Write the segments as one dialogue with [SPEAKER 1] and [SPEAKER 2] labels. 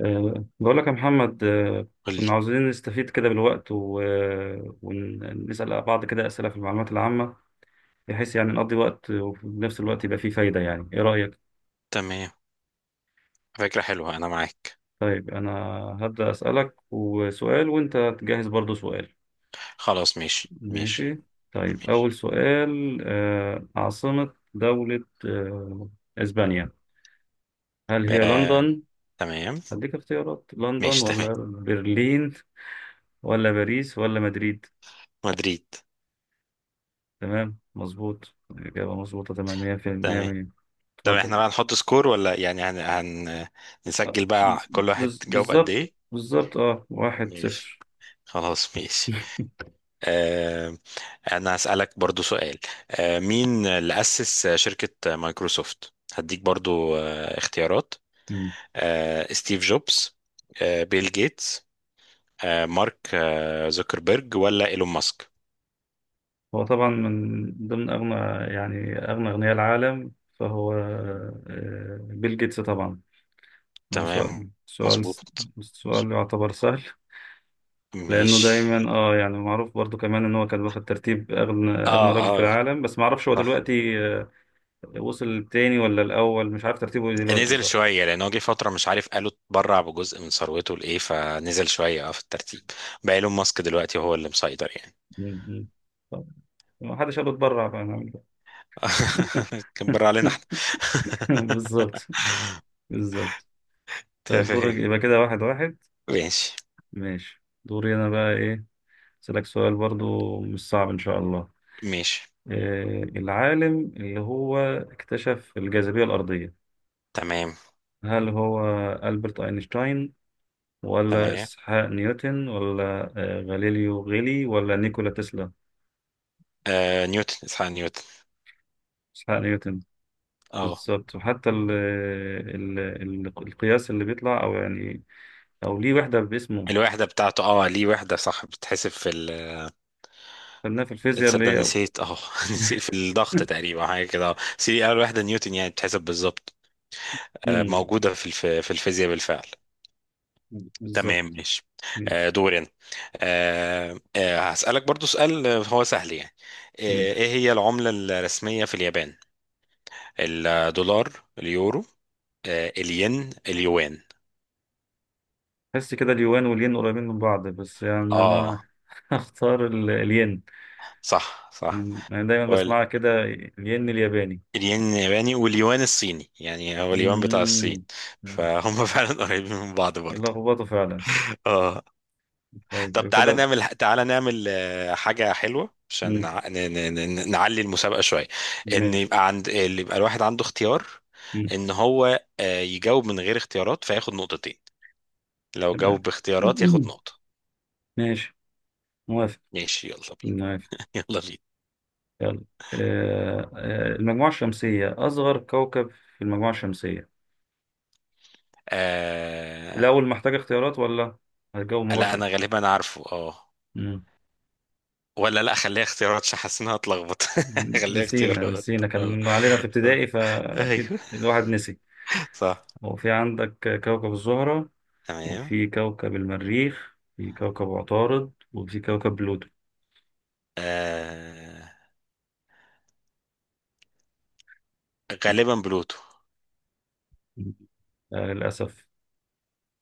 [SPEAKER 1] بقول لك يا محمد،
[SPEAKER 2] قول لي.
[SPEAKER 1] كنا عاوزين نستفيد كده بالوقت و- أه، ونسأل بعض كده أسئلة في المعلومات العامة، بحيث يعني نقضي وقت وفي نفس الوقت يبقى فيه فايدة. يعني إيه رأيك؟
[SPEAKER 2] تمام، فكرة حلوة، أنا معاك.
[SPEAKER 1] طيب أنا هبدأ أسألك وسؤال وأنت تجهز برضو سؤال.
[SPEAKER 2] خلاص ماشي ماشي
[SPEAKER 1] ماشي. طيب أول
[SPEAKER 2] ماشي.
[SPEAKER 1] سؤال، عاصمة دولة إسبانيا، هل هي
[SPEAKER 2] آه،
[SPEAKER 1] لندن؟
[SPEAKER 2] تمام
[SPEAKER 1] هديك اختيارات، لندن
[SPEAKER 2] ماشي. تمام.
[SPEAKER 1] ولا برلين ولا باريس ولا مدريد؟
[SPEAKER 2] مدريد.
[SPEAKER 1] تمام، مظبوط، الإجابة مظبوطة تمام، مية في المية
[SPEAKER 2] تمام.
[SPEAKER 1] مية.
[SPEAKER 2] طب احنا
[SPEAKER 1] اتفضل.
[SPEAKER 2] بقى نحط سكور، ولا يعني
[SPEAKER 1] آه،
[SPEAKER 2] نسجل بقى كل واحد جاوب قد
[SPEAKER 1] بالظبط.
[SPEAKER 2] ايه؟
[SPEAKER 1] بالظبط، اه واحد
[SPEAKER 2] ماشي.
[SPEAKER 1] صفر.
[SPEAKER 2] خلاص ماشي. آه، انا هسألك برضو سؤال. مين اللي أسس شركة مايكروسوفت؟ هديك برضو اختيارات:
[SPEAKER 1] مم.
[SPEAKER 2] ستيف جوبز، بيل جيتس، مارك زوكربيرج، ولا ايلون ماسك؟
[SPEAKER 1] هو طبعا من ضمن أغنى، يعني أغنى أغنياء العالم، فهو بيل جيتس طبعا. هو
[SPEAKER 2] تمام مظبوط.
[SPEAKER 1] سؤال يعتبر سهل، لأنه
[SPEAKER 2] ماشي.
[SPEAKER 1] دايما اه يعني معروف برضو كمان إن هو كان واخد ترتيب أغنى
[SPEAKER 2] اه،
[SPEAKER 1] أغنى راجل في
[SPEAKER 2] اه،
[SPEAKER 1] العالم، بس معرفش هو
[SPEAKER 2] صح.
[SPEAKER 1] دلوقتي، وصل التاني ولا الأول، مش عارف ترتيبه إيه دلوقتي.
[SPEAKER 2] نزل شوية لأن هو جه فترة مش عارف، قالوا اتبرع بجزء من ثروته لإيه، فنزل شوية اه في الترتيب. بقى إيلون ماسك دلوقتي هو اللي مسيطر يعني.
[SPEAKER 1] مم. طب ما حدش قال اتبرع، فاهم.
[SPEAKER 2] كان برع علينا احنا.
[SPEAKER 1] بالظبط بالظبط. طيب دورك،
[SPEAKER 2] تمام.
[SPEAKER 1] يبقى كده واحد واحد.
[SPEAKER 2] ماشي
[SPEAKER 1] ماشي. دوري انا بقى ايه، اسالك سؤال برضو مش صعب ان شاء الله.
[SPEAKER 2] ماشي.
[SPEAKER 1] إيه العالم اللي هو اكتشف الجاذبية الأرضية؟
[SPEAKER 2] تمام
[SPEAKER 1] هل هو ألبرت أينشتاين، ولا
[SPEAKER 2] تمام.
[SPEAKER 1] إسحاق نيوتن، ولا غاليليو غيلي، ولا نيكولا تسلا؟
[SPEAKER 2] آه نيوتن، اسحاق نيوتن.
[SPEAKER 1] إسحاق نيوتن،
[SPEAKER 2] اه.
[SPEAKER 1] بالظبط. وحتى ال القياس اللي بيطلع أو يعني او ليه وحده باسمه،
[SPEAKER 2] الوحدة بتاعته، اه ليه وحدة، صح، بتحسب في ال.
[SPEAKER 1] خدناها في الفيزياء اللي
[SPEAKER 2] تصدق
[SPEAKER 1] هي.
[SPEAKER 2] نسيت، اه نسيت، في الضغط تقريبا حاجه كده، اه سي، اول واحده نيوتن، يعني بتحسب بالظبط.
[SPEAKER 1] امم
[SPEAKER 2] موجوده في الفيزياء بالفعل. تمام
[SPEAKER 1] بالظبط.
[SPEAKER 2] ماشي.
[SPEAKER 1] ماشي.
[SPEAKER 2] دوري انا. هسألك برضو سؤال. هو سهل يعني.
[SPEAKER 1] ماشي
[SPEAKER 2] ايه هي العملة الرسمية في اليابان؟ الدولار، اليورو، الين، اليوان؟
[SPEAKER 1] حس كده اليوان والين قريبين من بعض، بس يعني
[SPEAKER 2] اه
[SPEAKER 1] انا هختار الين.
[SPEAKER 2] صح صح.
[SPEAKER 1] انا دايما
[SPEAKER 2] هو ال-
[SPEAKER 1] بسمعها كده الين الياباني.
[SPEAKER 2] الين الياباني واليوان الصيني، يعني هو اليوان بتاع الصين.
[SPEAKER 1] امم أمم.
[SPEAKER 2] فهم. فعلا قريبين من بعض برضه.
[SPEAKER 1] لخبطه فعلا.
[SPEAKER 2] اه.
[SPEAKER 1] طيب
[SPEAKER 2] طب
[SPEAKER 1] يبقى كده.
[SPEAKER 2] تعالى نعمل حاجة حلوة عشان
[SPEAKER 1] أمم.
[SPEAKER 2] نعلي المسابقة شوية. ان
[SPEAKER 1] ماشي.
[SPEAKER 2] يبقى عند اللي، يبقى الواحد عنده اختيار،
[SPEAKER 1] أمم.
[SPEAKER 2] ان هو يجاوب من غير اختيارات فياخد نقطتين، لو جاوب
[SPEAKER 1] تمام.
[SPEAKER 2] باختيارات ياخد نقطة.
[SPEAKER 1] ماشي. موافق.
[SPEAKER 2] ماشي يلا
[SPEAKER 1] موافق.
[SPEAKER 2] بينا. يلا بينا.
[SPEAKER 1] يلا. المجموعة الشمسية، أصغر كوكب في المجموعة الشمسية.
[SPEAKER 2] آه...
[SPEAKER 1] الأول محتاج اختيارات ولا هتجاوب
[SPEAKER 2] لا،
[SPEAKER 1] مباشر؟
[SPEAKER 2] انا غالبا عارفه، اه.
[SPEAKER 1] مم.
[SPEAKER 2] ولا لا، خليها اختيارات عشان حاسس انها هتلخبط. خليها
[SPEAKER 1] نسينا،
[SPEAKER 2] اختيارات. اه.
[SPEAKER 1] كان علينا في
[SPEAKER 2] آه.
[SPEAKER 1] ابتدائي فأكيد
[SPEAKER 2] ايوه.
[SPEAKER 1] الواحد نسي.
[SPEAKER 2] صح.
[SPEAKER 1] هو في عندك كوكب الزهرة،
[SPEAKER 2] تمام.
[SPEAKER 1] وفي كوكب المريخ، في كوكب عطارد، وفي كوكب بلوتو.
[SPEAKER 2] آه... غالبا بلوتو.
[SPEAKER 1] آه للأسف،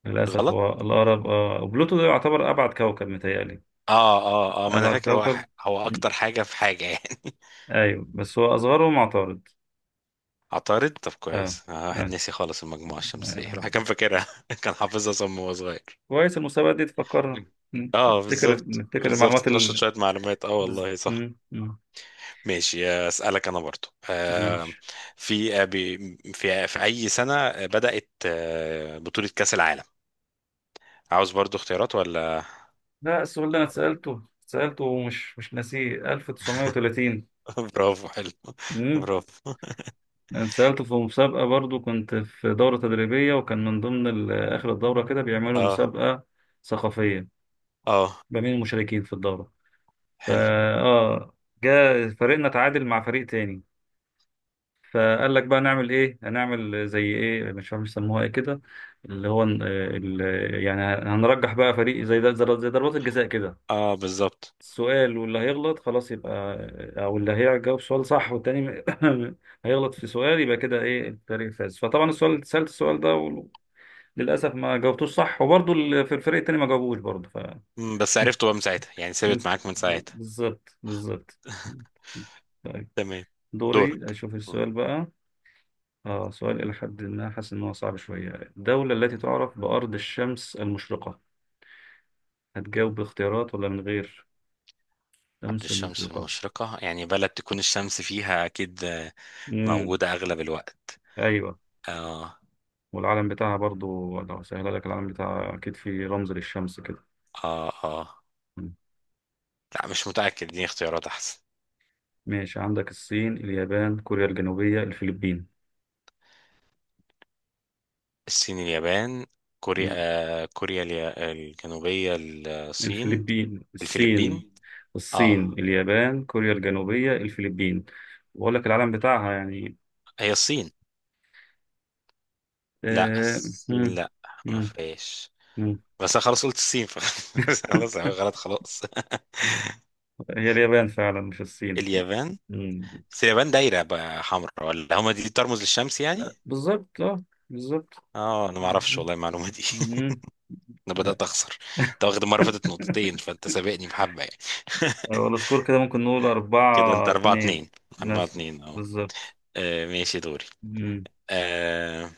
[SPEAKER 1] للأسف.
[SPEAKER 2] غلط.
[SPEAKER 1] هو الأقرب آه بلوتو ده يعتبر أبعد كوكب متهيألي.
[SPEAKER 2] اه اه اه. ما انا
[SPEAKER 1] أبعد
[SPEAKER 2] فاكر
[SPEAKER 1] كوكب.
[SPEAKER 2] هو
[SPEAKER 1] مم.
[SPEAKER 2] اكتر حاجه في حاجه يعني.
[SPEAKER 1] أيوه بس هو أصغرهم عطارد.
[SPEAKER 2] عطارد. طب
[SPEAKER 1] آه.
[SPEAKER 2] كويس، واحد
[SPEAKER 1] آه.
[SPEAKER 2] ناسي خالص المجموعه الشمسيه،
[SPEAKER 1] آه.
[SPEAKER 2] الواحد كان فاكرها، كان حافظها صم وهو صغير.
[SPEAKER 1] كويس، المسابقة دي تفكرنا،
[SPEAKER 2] اه
[SPEAKER 1] نفتكر،
[SPEAKER 2] بالظبط بالظبط،
[SPEAKER 1] المعلومات.
[SPEAKER 2] اتنشط شويه معلومات، اه والله صح.
[SPEAKER 1] مم. مم.
[SPEAKER 2] ماشي. اسالك انا برضو. آه،
[SPEAKER 1] ماشي.
[SPEAKER 2] في آه، بي- في في اي سنه بدات بطوله كاس العالم؟ عاوز برضو اختيارات ولا؟
[SPEAKER 1] لا، السؤال ده انا سألته، ومش مش ناسيه، 1930.
[SPEAKER 2] برافو، حلو.
[SPEAKER 1] امم
[SPEAKER 2] برافو.
[SPEAKER 1] انا سألته في مسابقة برضو، كنت في دورة تدريبية وكان من ضمن آخر الدورة كده بيعملوا
[SPEAKER 2] اه
[SPEAKER 1] مسابقة ثقافية
[SPEAKER 2] اه،
[SPEAKER 1] ما بين المشاركين في الدورة. فا
[SPEAKER 2] حلو.
[SPEAKER 1] اه، جاء فريقنا تعادل مع فريق تاني، فقال لك بقى نعمل ايه، هنعمل زي ايه، مش عارف يسموها ايه كده، اللي هو يعني هنرجح بقى فريق زي ده، زي ضربات الجزاء كده.
[SPEAKER 2] اه، بالظبط.
[SPEAKER 1] سؤال، واللي هيغلط خلاص يبقى، او اللي هيجاوب سؤال صح والتاني هيغلط في سؤال، يبقى كده ايه الفريق فاز. فطبعا السؤال، سألت السؤال ده وللاسف ما جاوبتوش صح، وبرضه في الفريق التاني ما جاوبوش برضه فمن.
[SPEAKER 2] مم، بس عرفته بقى من ساعتها، يعني ثابت معاك من ساعتها.
[SPEAKER 1] بالظبط بالظبط. طيب
[SPEAKER 2] تمام.
[SPEAKER 1] دوري
[SPEAKER 2] دورك.
[SPEAKER 1] اشوف السؤال بقى. اه سؤال الى حد ما حاسس ان هو صعب شويه. الدوله التي
[SPEAKER 2] مم.
[SPEAKER 1] تعرف بارض الشمس المشرقه. هتجاوب باختيارات ولا من غير؟
[SPEAKER 2] عبد
[SPEAKER 1] شمس
[SPEAKER 2] الشمس
[SPEAKER 1] المشرقه.
[SPEAKER 2] المشرقة، يعني بلد تكون الشمس فيها أكيد
[SPEAKER 1] امم
[SPEAKER 2] موجودة أغلب الوقت.
[SPEAKER 1] ايوه.
[SPEAKER 2] آه.
[SPEAKER 1] والعلم بتاعها برضو لو سهل لك، العلم بتاعها أكيد في رمز للشمس كده.
[SPEAKER 2] آه. آه.
[SPEAKER 1] مم.
[SPEAKER 2] لا مش متأكد، دي اختيارات أحسن.
[SPEAKER 1] ماشي، عندك الصين، اليابان، كوريا الجنوبية، الفلبين.
[SPEAKER 2] الصين، اليابان، كوريا،
[SPEAKER 1] مم.
[SPEAKER 2] الجنوبية، الصين،
[SPEAKER 1] الفلبين، الصين.
[SPEAKER 2] الفلبين. آه،
[SPEAKER 1] الصين، اليابان، كوريا الجنوبية، الفلبين. وأقول لك العلم بتاعها يعني.
[SPEAKER 2] هي الصين. لا،
[SPEAKER 1] آه،
[SPEAKER 2] الصين
[SPEAKER 1] مم.
[SPEAKER 2] لا، ما
[SPEAKER 1] مم.
[SPEAKER 2] فيش.
[SPEAKER 1] مم.
[SPEAKER 2] بس أنا خلاص قلت الصين. خلاص غلط خلاص.
[SPEAKER 1] هي اليابان فعلا مش الصين.
[SPEAKER 2] اليابان.
[SPEAKER 1] مم.
[SPEAKER 2] بس اليابان دايرة بقى حمراء، ولا هما دي ترمز للشمس يعني؟
[SPEAKER 1] بالظبط اه، بالظبط.
[SPEAKER 2] اه انا ما اعرفش
[SPEAKER 1] مم.
[SPEAKER 2] والله المعلومة دي.
[SPEAKER 1] مم.
[SPEAKER 2] انا بدأت
[SPEAKER 1] لا.
[SPEAKER 2] اخسر. انت واخد المرة اللي فاتت نقطتين، فانت سابقني بحبة يعني.
[SPEAKER 1] هو السكور كده ممكن نقول
[SPEAKER 2] كده انت
[SPEAKER 1] أربعة
[SPEAKER 2] اربعة
[SPEAKER 1] اتنين
[SPEAKER 2] اتنين اربعة
[SPEAKER 1] مثلا.
[SPEAKER 2] اتنين اهو.
[SPEAKER 1] بالظبط.
[SPEAKER 2] ماشي دوري.
[SPEAKER 1] مم.
[SPEAKER 2] آه،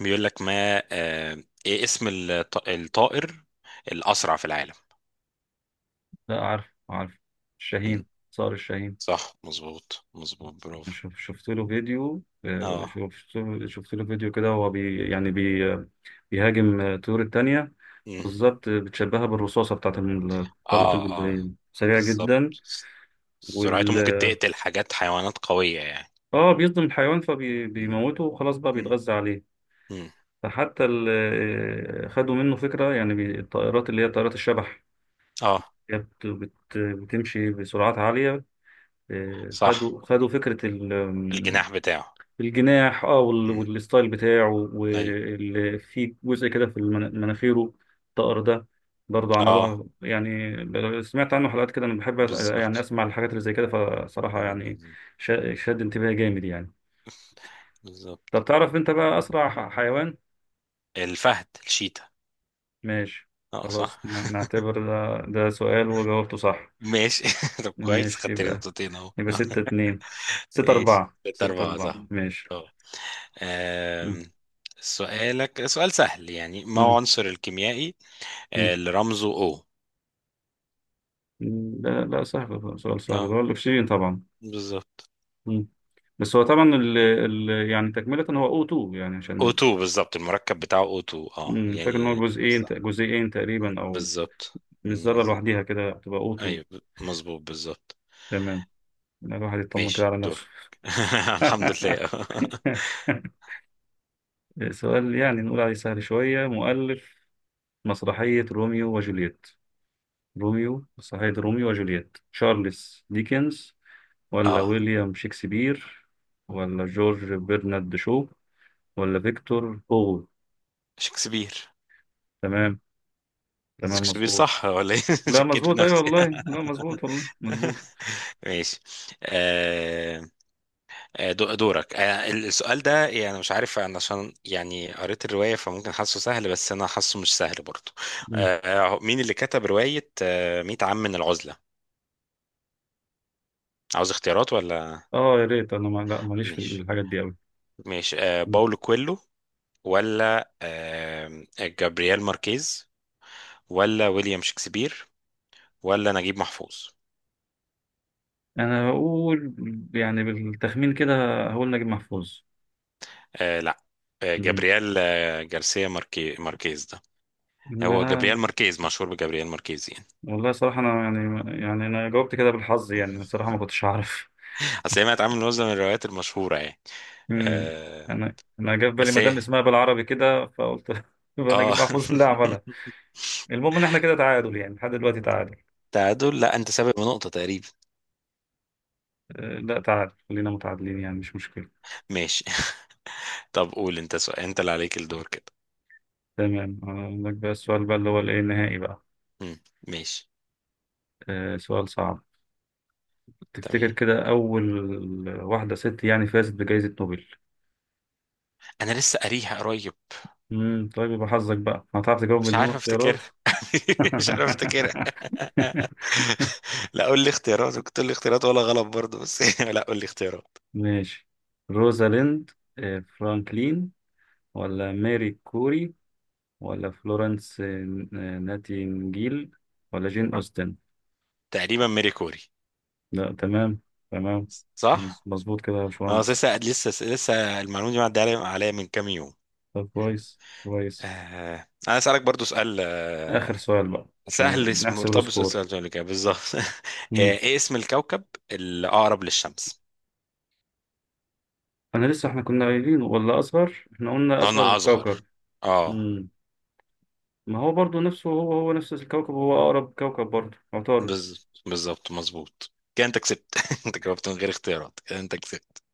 [SPEAKER 2] بيقول لك ما ايه اسم الطائر الاسرع في العالم؟
[SPEAKER 1] لا، عارف عارف،
[SPEAKER 2] مم.
[SPEAKER 1] الشاهين. صار الشاهين.
[SPEAKER 2] صح مظبوط مظبوط، برافو.
[SPEAKER 1] شوف، شفت له فيديو،
[SPEAKER 2] اه.
[SPEAKER 1] شفت له فيديو كده، وهو بي يعني بي بيهاجم الطيور التانية.
[SPEAKER 2] مم.
[SPEAKER 1] بالظبط، بتشبهها بالرصاصة بتاعت طلقة
[SPEAKER 2] اه اه،
[SPEAKER 1] البندقية، سريع
[SPEAKER 2] بالظبط.
[SPEAKER 1] جدا.
[SPEAKER 2] سرعته
[SPEAKER 1] وال
[SPEAKER 2] ممكن تقتل حاجات، حيوانات قوية
[SPEAKER 1] اه بيصدم الحيوان
[SPEAKER 2] يعني.
[SPEAKER 1] فبيموته وخلاص بقى
[SPEAKER 2] مم.
[SPEAKER 1] بيتغذى عليه.
[SPEAKER 2] مم.
[SPEAKER 1] فحتى خدوا منه فكرة، يعني الطائرات اللي هي طائرات الشبح
[SPEAKER 2] اه
[SPEAKER 1] كانت بتمشي بسرعات عالية.
[SPEAKER 2] صح.
[SPEAKER 1] خدوا فكرة
[SPEAKER 2] الجناح بتاعه.
[SPEAKER 1] الجناح، اه،
[SPEAKER 2] مم.
[SPEAKER 1] والستايل بتاعه،
[SPEAKER 2] ايوه.
[SPEAKER 1] وفي جزء كده في مناخيره. الطقر ده برضه
[SPEAKER 2] اه
[SPEAKER 1] عملوها، يعني سمعت عنه حلقات كده، انا بحب يعني
[SPEAKER 2] بالظبط
[SPEAKER 1] اسمع الحاجات اللي زي كده. فصراحة يعني شد انتباهي جامد يعني.
[SPEAKER 2] بالظبط.
[SPEAKER 1] طب تعرف انت بقى اسرع حيوان.
[SPEAKER 2] الفهد، الشيتا.
[SPEAKER 1] ماشي.
[SPEAKER 2] اه
[SPEAKER 1] خلاص
[SPEAKER 2] صح.
[SPEAKER 1] نعتبر ده سؤال وجاوبته صح.
[SPEAKER 2] ماشي. طب كويس،
[SPEAKER 1] ماشي
[SPEAKER 2] خدت لي
[SPEAKER 1] يبقى،
[SPEAKER 2] نقطتين اهو.
[SPEAKER 1] ستة اتنين، ستة
[SPEAKER 2] ماشي،
[SPEAKER 1] أربعة،
[SPEAKER 2] ست أربعة صح.
[SPEAKER 1] ماشي.
[SPEAKER 2] اه.
[SPEAKER 1] مم.
[SPEAKER 2] آم، سؤالك سؤال سهل يعني، ما هو
[SPEAKER 1] مم.
[SPEAKER 2] عنصر الكيميائي
[SPEAKER 1] مم.
[SPEAKER 2] اللي رمزه O؟
[SPEAKER 1] لا لا سهل، سؤال سهل، اللي
[SPEAKER 2] اه
[SPEAKER 1] هو الأكسجين طبعا.
[SPEAKER 2] بالظبط.
[SPEAKER 1] مم. بس هو طبعا ال يعني تكملة هو O2، يعني عشان
[SPEAKER 2] O2 بالظبط، المركب بتاعه O2، اه
[SPEAKER 1] مم، فاكر إن هو
[SPEAKER 2] يعني
[SPEAKER 1] جزئين،
[SPEAKER 2] صح
[SPEAKER 1] تقريبا أو
[SPEAKER 2] بالظبط.
[SPEAKER 1] مش ذرة
[SPEAKER 2] بالظبط.
[SPEAKER 1] لوحديها كده، تبقى O2.
[SPEAKER 2] ايوه، مظبوط بالظبط.
[SPEAKER 1] تمام. لا، الواحد يطمن كده
[SPEAKER 2] ماشي
[SPEAKER 1] على نفسه.
[SPEAKER 2] دورك. الحمد لله.
[SPEAKER 1] سؤال يعني نقول عليه سهل شوية. مؤلف مسرحية روميو وجولييت، تشارلز ديكنز ولا
[SPEAKER 2] اه،
[SPEAKER 1] ويليام شكسبير ولا جورج برنارد شو ولا فيكتور هوغو؟
[SPEAKER 2] شكسبير.
[SPEAKER 1] تمام. تمام
[SPEAKER 2] شكسبير
[SPEAKER 1] مظبوط.
[SPEAKER 2] صح ولا ايه؟
[SPEAKER 1] لا
[SPEAKER 2] شكيت في
[SPEAKER 1] مظبوط، ايوه
[SPEAKER 2] نفسي.
[SPEAKER 1] والله، لا مظبوط والله مظبوط.
[SPEAKER 2] ماشي. آه. دورك. آه، السؤال ده يعني مش عارف انا، عشان يعني قريت الرواية فممكن حاسه سهل، بس انا حاسه مش سهل برضه.
[SPEAKER 1] مم.
[SPEAKER 2] مين اللي كتب رواية 100 عام من العزلة؟ عاوز اختيارات ولا؟
[SPEAKER 1] اه يا ريت انا ما لا ماليش في
[SPEAKER 2] ماشي.
[SPEAKER 1] الحاجات دي قوي.
[SPEAKER 2] ماشي، باولو كويلو، ولا جابرييل ماركيز، ولا ويليام شكسبير، ولا نجيب محفوظ؟
[SPEAKER 1] انا هقول، يعني بالتخمين كده، هقول نجيب محفوظ.
[SPEAKER 2] آه لا،
[SPEAKER 1] مم.
[SPEAKER 2] جابرييل، جارسيا، ماركيز ده.
[SPEAKER 1] ما
[SPEAKER 2] هو جابرييل
[SPEAKER 1] انا،
[SPEAKER 2] ماركيز، مشهور بجابرييل ماركيز يعني.
[SPEAKER 1] والله صراحة انا يعني، يعني انا جاوبت كده بالحظ، يعني أنا صراحة ما كنتش اعرف.
[SPEAKER 2] اصل هي ما اتعمل من وزن، من الروايات المشهوره يعني.
[SPEAKER 1] امم
[SPEAKER 2] آه.
[SPEAKER 1] انا جه في بالي
[SPEAKER 2] بس
[SPEAKER 1] مدام
[SPEAKER 2] ايه.
[SPEAKER 1] اسمها بالعربي كده، فقلت. يبقى
[SPEAKER 2] اه.
[SPEAKER 1] نجيب محفوظ اللي عملها. المهم ان احنا كده تعادل يعني لحد دلوقتي تعادل.
[SPEAKER 2] تعادل؟ لا انت سابق بنقطه تقريبا.
[SPEAKER 1] لا تعادل، خلينا متعادلين يعني مش مشكلة.
[SPEAKER 2] ماشي. طب قول انت سؤال، انت اللي عليك الدور كده.
[SPEAKER 1] تمام. اقول لك بقى السؤال بقى اللي هو الايه النهائي بقى.
[SPEAKER 2] مم. ماشي.
[SPEAKER 1] سؤال صعب.
[SPEAKER 2] تمام.
[SPEAKER 1] تفتكر كده اول واحدة ست يعني فازت بجائزة نوبل.
[SPEAKER 2] انا لسه قاريها قريب.
[SPEAKER 1] طيب يبقى حظك بقى، هتعرف تجاوب
[SPEAKER 2] مش
[SPEAKER 1] بدون
[SPEAKER 2] عارف
[SPEAKER 1] اختيارات.
[SPEAKER 2] افتكرها. مش عارف افتكرها. لا قول لي اختيارات، كنت تقول لي اختيارات ولا غلط برضه بس. لا قول لي اختيارات.
[SPEAKER 1] ماشي. روزاليند فرانكلين، ولا ماري كوري، ولا فلورنس ناتينجيل، ولا جين أوستن؟
[SPEAKER 2] تقريبا ميري كوري.
[SPEAKER 1] لا تمام. تمام.
[SPEAKER 2] صح؟
[SPEAKER 1] مظبوط كده يا
[SPEAKER 2] اه
[SPEAKER 1] باشمهندس.
[SPEAKER 2] لسه لسه لسه، المعلومة دي معدية عليا عليا من كام يوم.
[SPEAKER 1] طب كويس كويس.
[SPEAKER 2] آه. انا اسالك برضو سؤال.
[SPEAKER 1] آخر سؤال بقى
[SPEAKER 2] سهل.
[SPEAKER 1] عشان نحسب
[SPEAKER 2] مرتبط بالسؤال
[SPEAKER 1] السكور.
[SPEAKER 2] اللي قبل كده بالظبط. آه،
[SPEAKER 1] مم.
[SPEAKER 2] ايه اسم الكوكب الاقرب للشمس؟
[SPEAKER 1] أنا لسه، إحنا كنا قايلين ولا أصغر، إحنا قلنا أصغر
[SPEAKER 2] انا
[SPEAKER 1] كوكب.
[SPEAKER 2] اصغر، اه.
[SPEAKER 1] مم. ما هو برضو نفسه، هو هو نفس الكوكب، هو أقرب كوكب برضو عطارد.
[SPEAKER 2] بالظبط مظبوط. كده انت كسبت. انت جاوبت من غير اختيارات، كده انت كسبت.